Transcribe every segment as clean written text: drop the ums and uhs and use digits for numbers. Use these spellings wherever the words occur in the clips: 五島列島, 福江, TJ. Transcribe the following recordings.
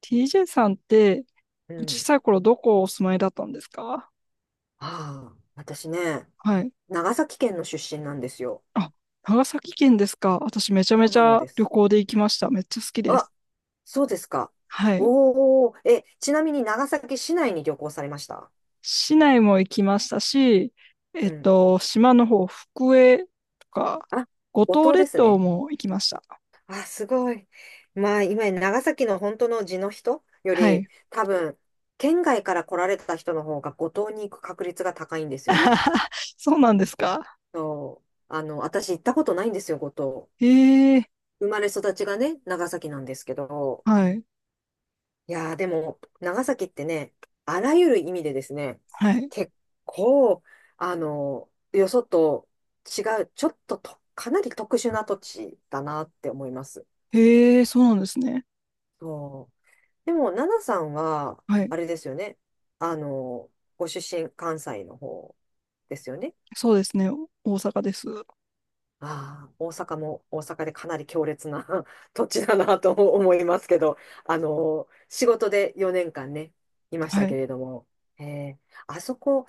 TJ さんってう小ん。さい頃どこお住まいだったんですか？ああ、私ね、はい。長崎県の出身なんですよ。あ、長崎県ですか。私めちゃそめうちなのゃで旅す。行で行きました。めっちゃ好きであ、す。そうですか。はい。おお、え、ちなみに長崎市内に旅行されました？市内も行きましたし、うん。島の方、福江とか、あ、五五島島で列す島ね。も行きました。あ、すごい。まあ、今、長崎の本当の地の人よはり、い。多分、県外から来られた人の方が五島に行く確率が高いんですよね。そうなんですか。そう。私行ったことないんですよ、五島。へえ、生まれ育ちがね、長崎なんですけど、はい、いやー、でも、長崎ってね、あらゆる意味でですね、はい。結構、よそと違う、ちょっとと、かなり特殊な土地だなって思います。へえ、そうなんですね。そう。でも、奈々さんは、はい。あれですよね、あの、ご出身、関西の方ですよね。そうですね。大阪です。ああ、大阪も大阪でかなり強烈な 土地だなと 思いますけど、仕事で4年間ね、いましたはけい、れども、ええ、あそこ、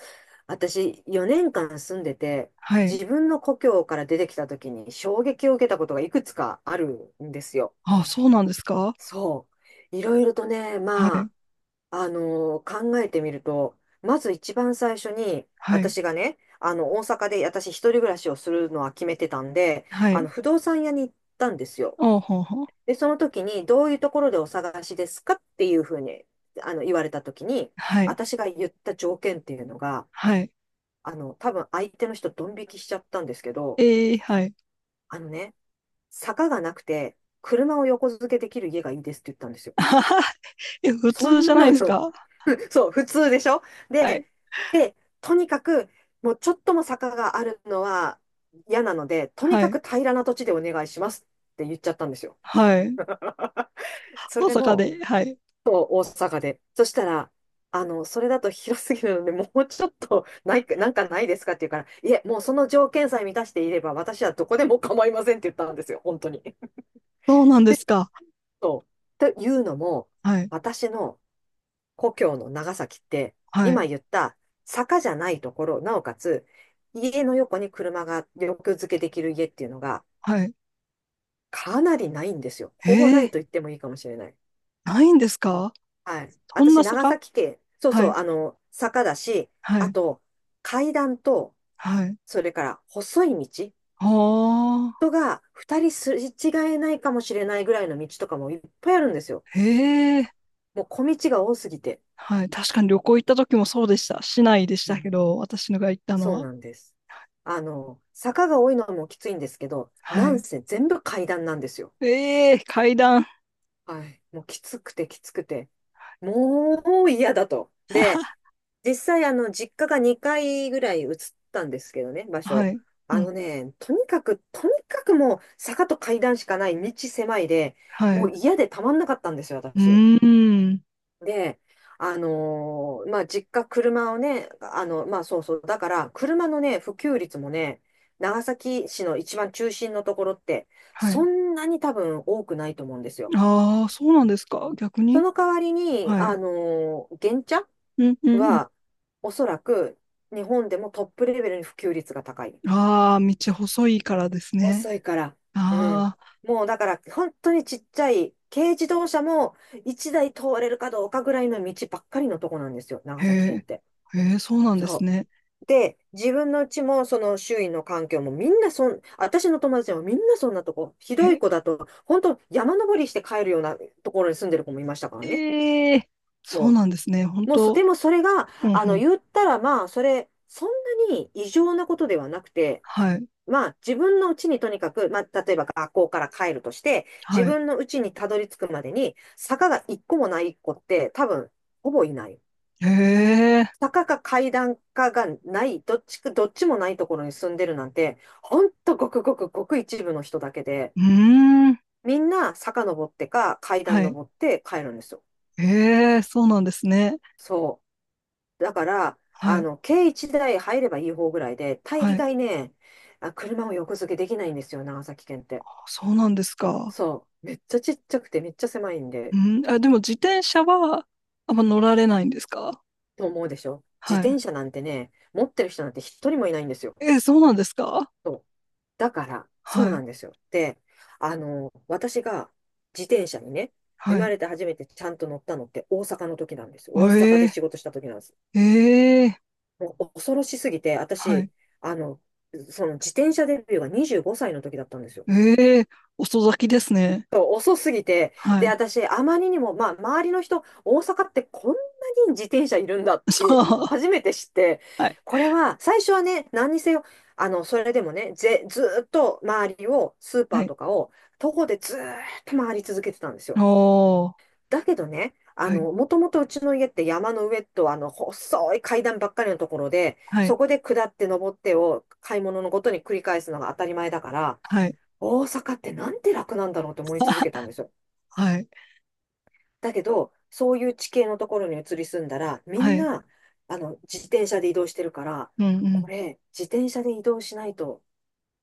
私4年間住んでて、はい。自分の故郷から出てきた時に衝撃を受けたことがいくつかあるんですよ。あ、そうなんですか。そう。いろいろとね、はい。まあ、考えてみると、まず一番最初に、はい。私がね、大阪で私一人暮らしをするのは決めてたんで、はい。不動産屋に行ったんですよ。おうほうほう。で、その時に、どういうところでお探しですかっていうふうに、言われた時に、はい。私が言った条件っていうのが、はい。多分相手の人ドン引きしちゃったんですけど、ええ、はい。あのね、坂がなくて、車を横付けできる家がいいですって言ったんです よ。あは、はい、普そ通じゃんないなですの、か。そう、普通でしょ？はい。で、で、とにかく、もうちょっとも坂があるのは嫌なので、とにはかい。く平らな土地でお願いしますって言っちゃったんですよ。はい。そ大れ阪もで。はい。大阪で。そしたら、それだと広すぎるので、もうちょっとないか、なんかないですかって言うから、いえ、もうその条件さえ満たしていれば、私はどこでも構いませんって言ったんですよ、本当に。そうなんですか。そう。というのも、はい。私の故郷の長崎って、は今い。言った坂じゃないところ、なおかつ家の横に車が横付けできる家っていうのがはい。かなりないんですよ。えほぼないえ、と言ってもいいかもしれない。ないんですか？はい。そん私、な長坂。崎県、そうはそう、い。坂だし、はあい。と、階段と、はい。それから細い道、ああ。人が二人すれ違えないかもしれないぐらいの道とかもいっぱいあるんですよ。ええ、もう小道が多すぎて。はい。確かに旅行行った時もそうでした。市内でしたけど、私のが行ったのそうは。なんです。坂が多いのもきついんですけど、はなんい。せ全部階段なんですよ。ええ、階段。はい。もうきつくてきつくて、もう嫌だと。はで、は、実際、実家が2階ぐらい移ったんですけどね、場は所。い。うあん。のね、とにかく、とにかくもう坂と階段しかない道狭いで、はい。もうう嫌でたまんなかったんですよ、私。ーん。で、まあ、実家、車をね、まあ、そうそう、だから、車のね、普及率もね、長崎市の一番中心のところって、はそい。んなに多分多くないと思うんですよ。ああ、そうなんですか。逆そに。の代わりに、はい。原茶うんうんうは、おそらく、日本でもトップレベルに普及率が高い。ん。ああ、道細いからですね。遅いから。うん。あもうだから、本当にちっちゃい、軽自動車も1台通れるかどうかぐらいの道ばっかりのとこなんですよ、あ、長へ崎県っえ、て。へえ、そうなんですそね。う。で、自分のうちも、その周囲の環境もみんな私の友達はみんなそんなとこ、ひへどいえ、子だと、本当山登りして帰るようなところに住んでる子もいましたからね。ええ、そうそなんですね。本う。もうそ、当、でもそれが、うんうん。言ったらまあ、そんなに異常なことではなくて、はい、まあ、自分のうちにとにかく、まあ、例えば学校から帰るとして、自はい。分のうちにたどり着くまでに、坂が一個もない子って、多分、ほぼいない。へえ、坂か階段かがない、どっちか、どっちもないところに住んでるなんて、ほんとごくごくごく一部の人だけで、うーん、みんな坂登ってか階段はい。登って帰るんですよ。へえ、そうなんですね。そう。だから、はい、軽一台入ればいい方ぐらいで、大はい。概ね、あ、車を横付けできないんですよ、長崎県って。そうなんですか。そう。めっちゃちっちゃくてめっちゃ狭いんで、うん、あ、でも自転車は、あんま乗られないんですか？と思うでしょ？自はい。転車なんてね、持ってる人なんて一人もいないんですよ。えー、そうなんですか？そう。だから、そはうない、んですよ。で、私が自転車にね、生はまい。れて初めてちゃんと乗ったのって大阪の時なんです。大阪でえ仕え、事した時なんです。ええ、もう恐ろしすぎて、は私、い。あの、その自転車デビューが25歳の時だったんですよ。ええ、遅咲きですね。そう遅すぎて。はで、い。私、あまりにも、まあ、周りの人、大阪ってこんなに自転車いるんだっそて、う。初めて知って、はい。これは、最初はね、何にせよ、それでもね、ずーっと周りを、スーパはーい。とかを、徒歩でずーっと回り続けてたんですよ。おー。だけどね、はい。もともとうちの家って山の上と、細い階段ばっかりのところで、はい。そこで下って登ってを、買い物のごとに繰り返すのが当たり前だから、はい。大阪ってなんて楽なんだろうと思い続けたんですよ。はい。だけど、そういう地形のところに移り住んだら、みはんい。な、自転車で移動してるから、うんうこん。れ、自転車で移動しないと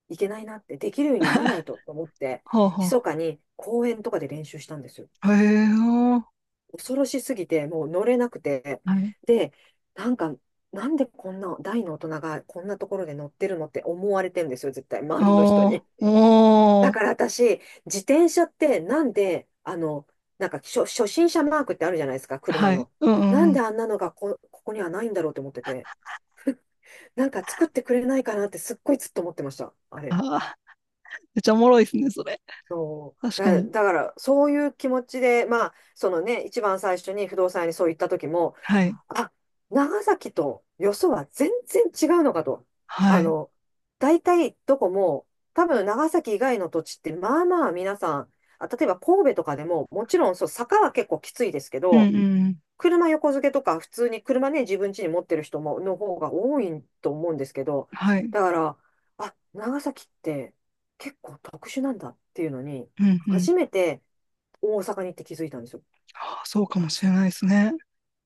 いけないなって、できるようにならないと思って、ほうほう。密かに公園とかで練習したんですよ。へえー。恐ろしすぎて、もう乗れなくて。はい。で、なんか、なんでこんな大の大人がこんなところで乗ってるのって思われてんですよ、絶対、周りの人おー。に。おだー。から私、自転車ってなんで、なんか初心者マークってあるじゃないですか、車はい。の。うんうなんんうでん。あんなのがここにはないんだろうと思ってて、なんか作ってくれないかなってすっごいずっと思ってました、あれ。あー、めっちゃおもろいですね、それ。そう。確かに。だから、そういう気持ちで、まあ、そのね、一番最初に不動産屋にそう言った時も、はい。あ、長崎とよそは全然違うのかと。はあい。の、大体どこも、多分長崎以外の土地ってまあまあ皆さん、あ、例えば神戸とかでも、もちろんそう、坂は結構きついですけうんうど、んうん。車横付けとか普通に車ね、自分家に持ってる人も、の方が多いと思うんですけど、はい。だから、あ、長崎って結構特殊なんだっていうのに、うんうん。初めて大阪に行って気づいたんですよ。あー、そうかもしれないですね。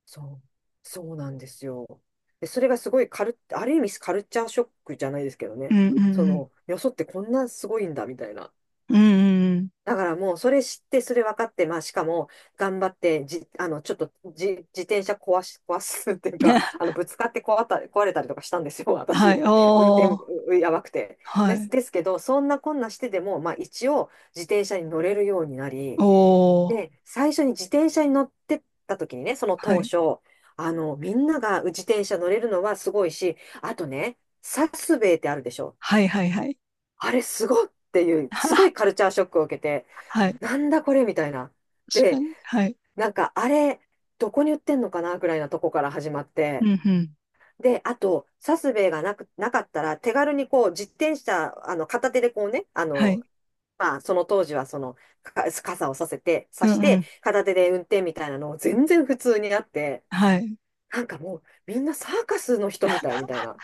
そう、そうなんですよ。で、それがすごいある意味カルチャーショックじゃないですけどうんね。うんそうん。の、よそってこんなすごいんだ、みたいな。うんうんうん。だからもう、それ知って、それ分かって、まあ、しかも、頑張って、ちょっと、自転車壊すっていうか、ぶつかって壊れたりとかしたんですよ、私。はい。運お転、ー。うやばくて。はい。ですけど、そんなこんなしてでも、まあ、一応、自転車に乗れるようになり、おー。で、最初に自転車に乗ってった時にね、そのは当い。初、みんなが自転車乗れるのはすごいし、あとね、サスベイってあるでしょ。はいはいはい。あれすごっていう、すごいカ ルチャーショックを受けて、はい。なんだこれみたいな。確かで、に。はい。なんかあれ、どこに売ってんのかなぐらいなとこから始まっうて。んうん。で、あと、サスベイがなく、なかったら、手軽にこう、自転車、片手でこうね、はい。まあ、その当時はその、傘をさせて、うさしんうて、ん。片手で運転みたいなのを全然普通にあって、はい。なんかもう、みんなサーカスの人みたいな、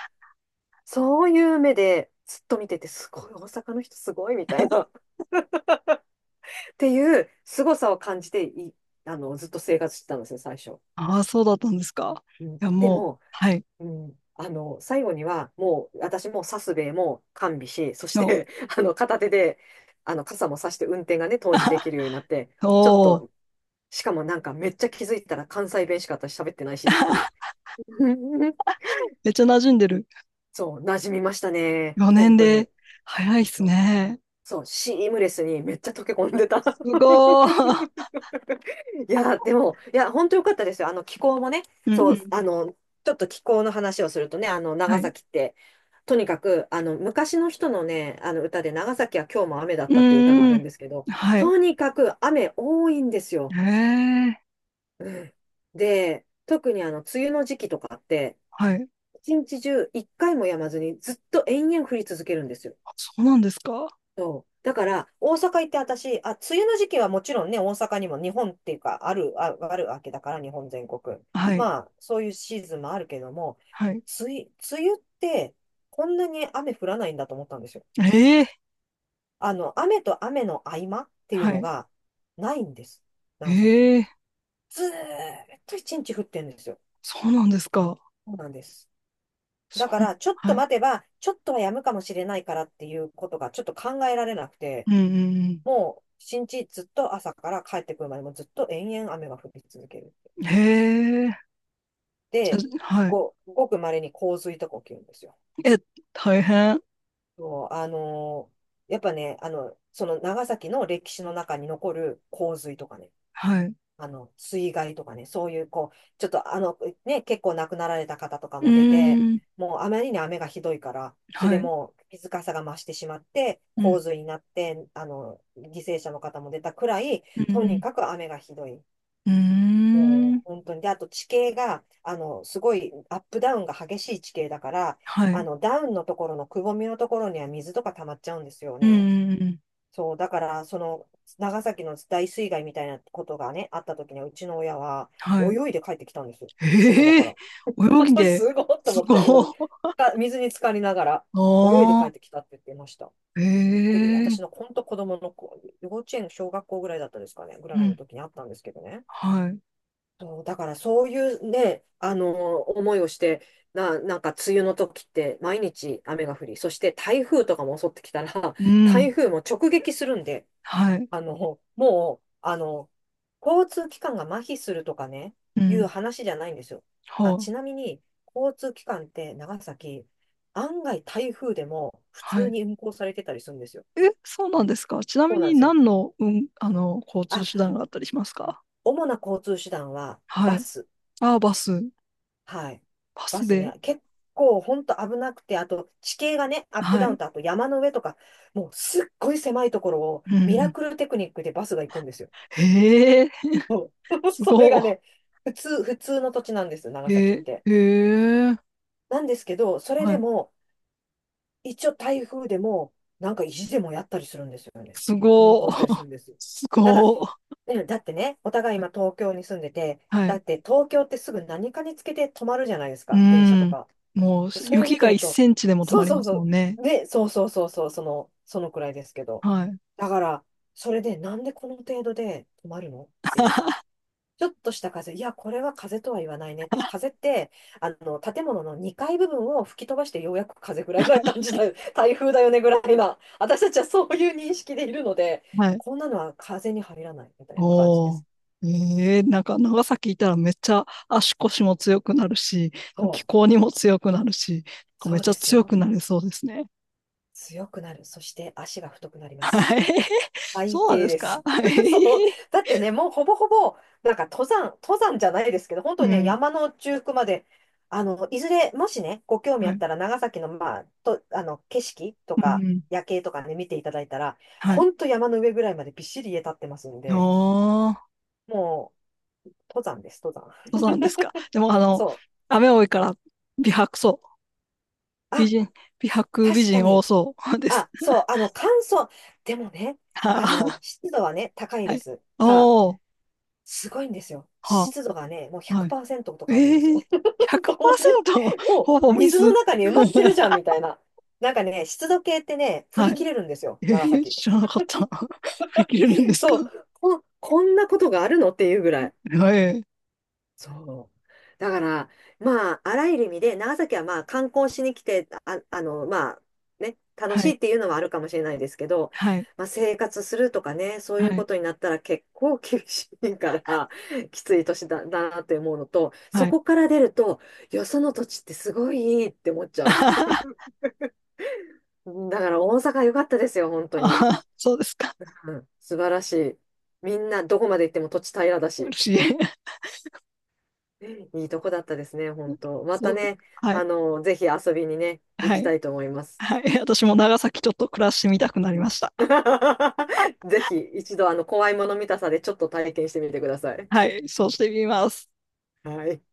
そういう目でずっと見てて、すごい、大阪の人すごいみたいな、っていう凄さを感じてい、ずっと生活してたんですよ、最初。ああ、そうだったんですか。うん、いや、でもう、も、はい。うん、最後には、もう、私もサスベイも完備し、そしの、て、片手で、傘もさして運転がね、当時できるようになっ て、ちょっおお。としかもなんかめっちゃ気づいたら関西弁しか私喋ってないしっていう。めっちゃ馴染んでる。そう、馴染みましたね。4本年当に。で、早いっすそうね。そう、シームレスにめっちゃ溶け込んでた。すごー。いや、でも、いや、本当良かったですよ。気候もね、うんそうう、ん。ちょっと気候の話をするとね、は長い。崎って、とにかく、昔の人のね、あの歌で、長崎は今日も雨だっうたっていう歌があんうるんん。ですけど、はい。とにかく雨多いんですよ。ええ、うん。で、特に梅雨の時期とかって、はい。一日中一回もやまずにずっと延々降り続けるんですよ。あ、そうなんですか。そう。だから、大阪行って私、あ、梅雨の時期はもちろんね、大阪にも日本っていうか、ある、あ、あるわけだから、日本全国。はい。まあ、そういうシーズンもあるけども、はい。梅雨、梅雨って、こんなに雨降らないんだと思ったんですよ。ええ、雨と雨の合間っていうはのい。が、ないんです。長崎。ええ、ずーっと一日降ってるんですよ。そうなんですか。そうなんです。だそかう、ら、ちょっとはい。待てば、ちょっとは止むかもしれないからっていうことがちょっと考えられなくて、うんうんもう、新日ずっと朝から帰ってくるまでもずっと延々雨が降り続ける。うん。へえ、で、はい。ごく稀に洪水とか起きるんですよ。え、大変。そう、やっぱね、その長崎の歴史の中に残る洪水とかね、はい。う水害とかね、そういうこう、ちょっとあの、ね、結構亡くなられた方とかーも出て、ん、もうあまりに雨がひどいから、それはでい。もう水かさが増してしまって、う洪ん、水になって、犠牲者の方も出たくらい、うとにん、かく雨がひどい。うん。うーん、もう本当に。で、あと地形が、すごいアップダウンが激しい地形だから、はい。ダウンのところのくぼみのところには水とか溜まっちゃうんですようん、ね。うん、うん。そう、だから、その、長崎の大水害みたいなことがね、あった時には、うちの親は、はい。泳いで帰ってきたんですよ。職場えかえ、ら。泳ぎ で、すごいとす思っごい。て、うん。水に浸かりながら、あ泳いで帰っあ、てきたって言ってました。えびっくり。私え、の本当子供の子、幼稚園、小学校ぐらいだったですかね、ぐうらいのん、時にあったんですけどね。はい。そう、だからそういうね、思いをして、なんか梅雨の時って毎日雨が降り、そして台風とかも襲ってきたら、う ん、台風も直撃するんで、はい。あの、もう、あの、交通機関が麻痺するとかね、ういうん、話じゃないんですよ。あ、はちなみに、交通機関って長崎、案外台風でも普あ、は通い。に運行されてたりするんですよ。え、そうなんですか。ちなそみうなんにですよ。何の、うん、交通手あ、段があったりしますか？主な交通手段ははバい。ス。ああ、バス。はい。パバススで。ね、結構本当危なくて、あと地形がね、アップはダウンい。と、あと山の上とか、もうすっごい狭いところをうんうミラん。クルテクニックでバスが行くんですよ。へえ、そう。 すそれがごね、普通の土地なんです、長い。崎っえて。ー、へえ、なんですけど、それはでい。も、一応台風でも、なんか意地でもやったりするんですよね。す運ご行い。したりするんですよ。すだかごい。ら、ねだってね、お互い今東京に住んでて、はだい。って東京ってすぐ何かにつけて止まるじゃないですうか、電車ーとん。か。もう、でそれを雪見てがる1と、センチでも止そまうりそまうすもそんね。う、ね、そうそうそうそう、そのくらいですけど。はい。だから、それでなんでこの程度で止まるのっていう。ちょっとした風、いや、これは風とは言わないねって、風って、建物の2階部分を吹き飛ばしてようやく風ぐらいな感じだよ、台風だよねぐらいな、私たちはそういう認識でいるので、はい。こんなのは風に入らないみたいな感じでおお。す。ええ、なんか長崎いたらめっちゃ足腰も強くなるし、気そ候にも強くなるし、なんう、かそめっうちでゃす強よ。くなれそうですね。強くなる。そして足が太くなりまはす。い。最そうなん低ですでか？す。は そう。い。だってね、もうほぼほぼ、なんか登山、登山じゃないですけど、本当にうね、ん。山の中腹まで、いずれ、もしね、ご興味あはっい。たら、長崎の、まあ、景色とうんか、うん。夜景とかね、見ていただいたら、はい。本当山の上ぐらいまでびっしり家建ってますんで、おー、もう、登山です、登山。そうなんですか。でも、そ雨多いから、美白そう。う。美あ、人、美白美確か人多に。そうです。あ、そう、乾燥。でもね、はあ、湿度はね、高いはでい。す。がおー、すごいんですよ。は湿度がね、もうあ、はい。100%とえかあるんですえー、よ。そういう、100%。もほぼう水の水。中に埋まってるじゃん みたいな。なんかね、湿度計ってね、振はりい。切れるんですよ、え長ー、崎。知らなかった。振り切れるんですか？そう、こんなことがあるのっていうぐらい。えー、そう。だから、まあ、あらゆる意味で、長崎はまあ、観光しに来て、あ、まあ、ね、楽はしいい、っていうのはあるかもしれないですけど、はい、まあ、生活するとかね、そうはいうこい、とになったら結構厳しいから、きつい年だ、だなって思うのと、はそい。こから出ると、よその土地ってすごいいいって思っちゃう。あだから、大阪良かったですよ、本当に。あ、そうですか。うん、素晴らしい。みんな、どこまで行っても土地平らだ嬉し。しい。いいとこだったですね、本 当。まそたうですね、か。はい、ぜひ遊びにね、行はきい、たいと思います。はい。私も長崎ちょっと暮らしてみたくなりました。ぜひ一度、怖いもの見たさでちょっと体験してみてください。はい、そうしてみます。はい。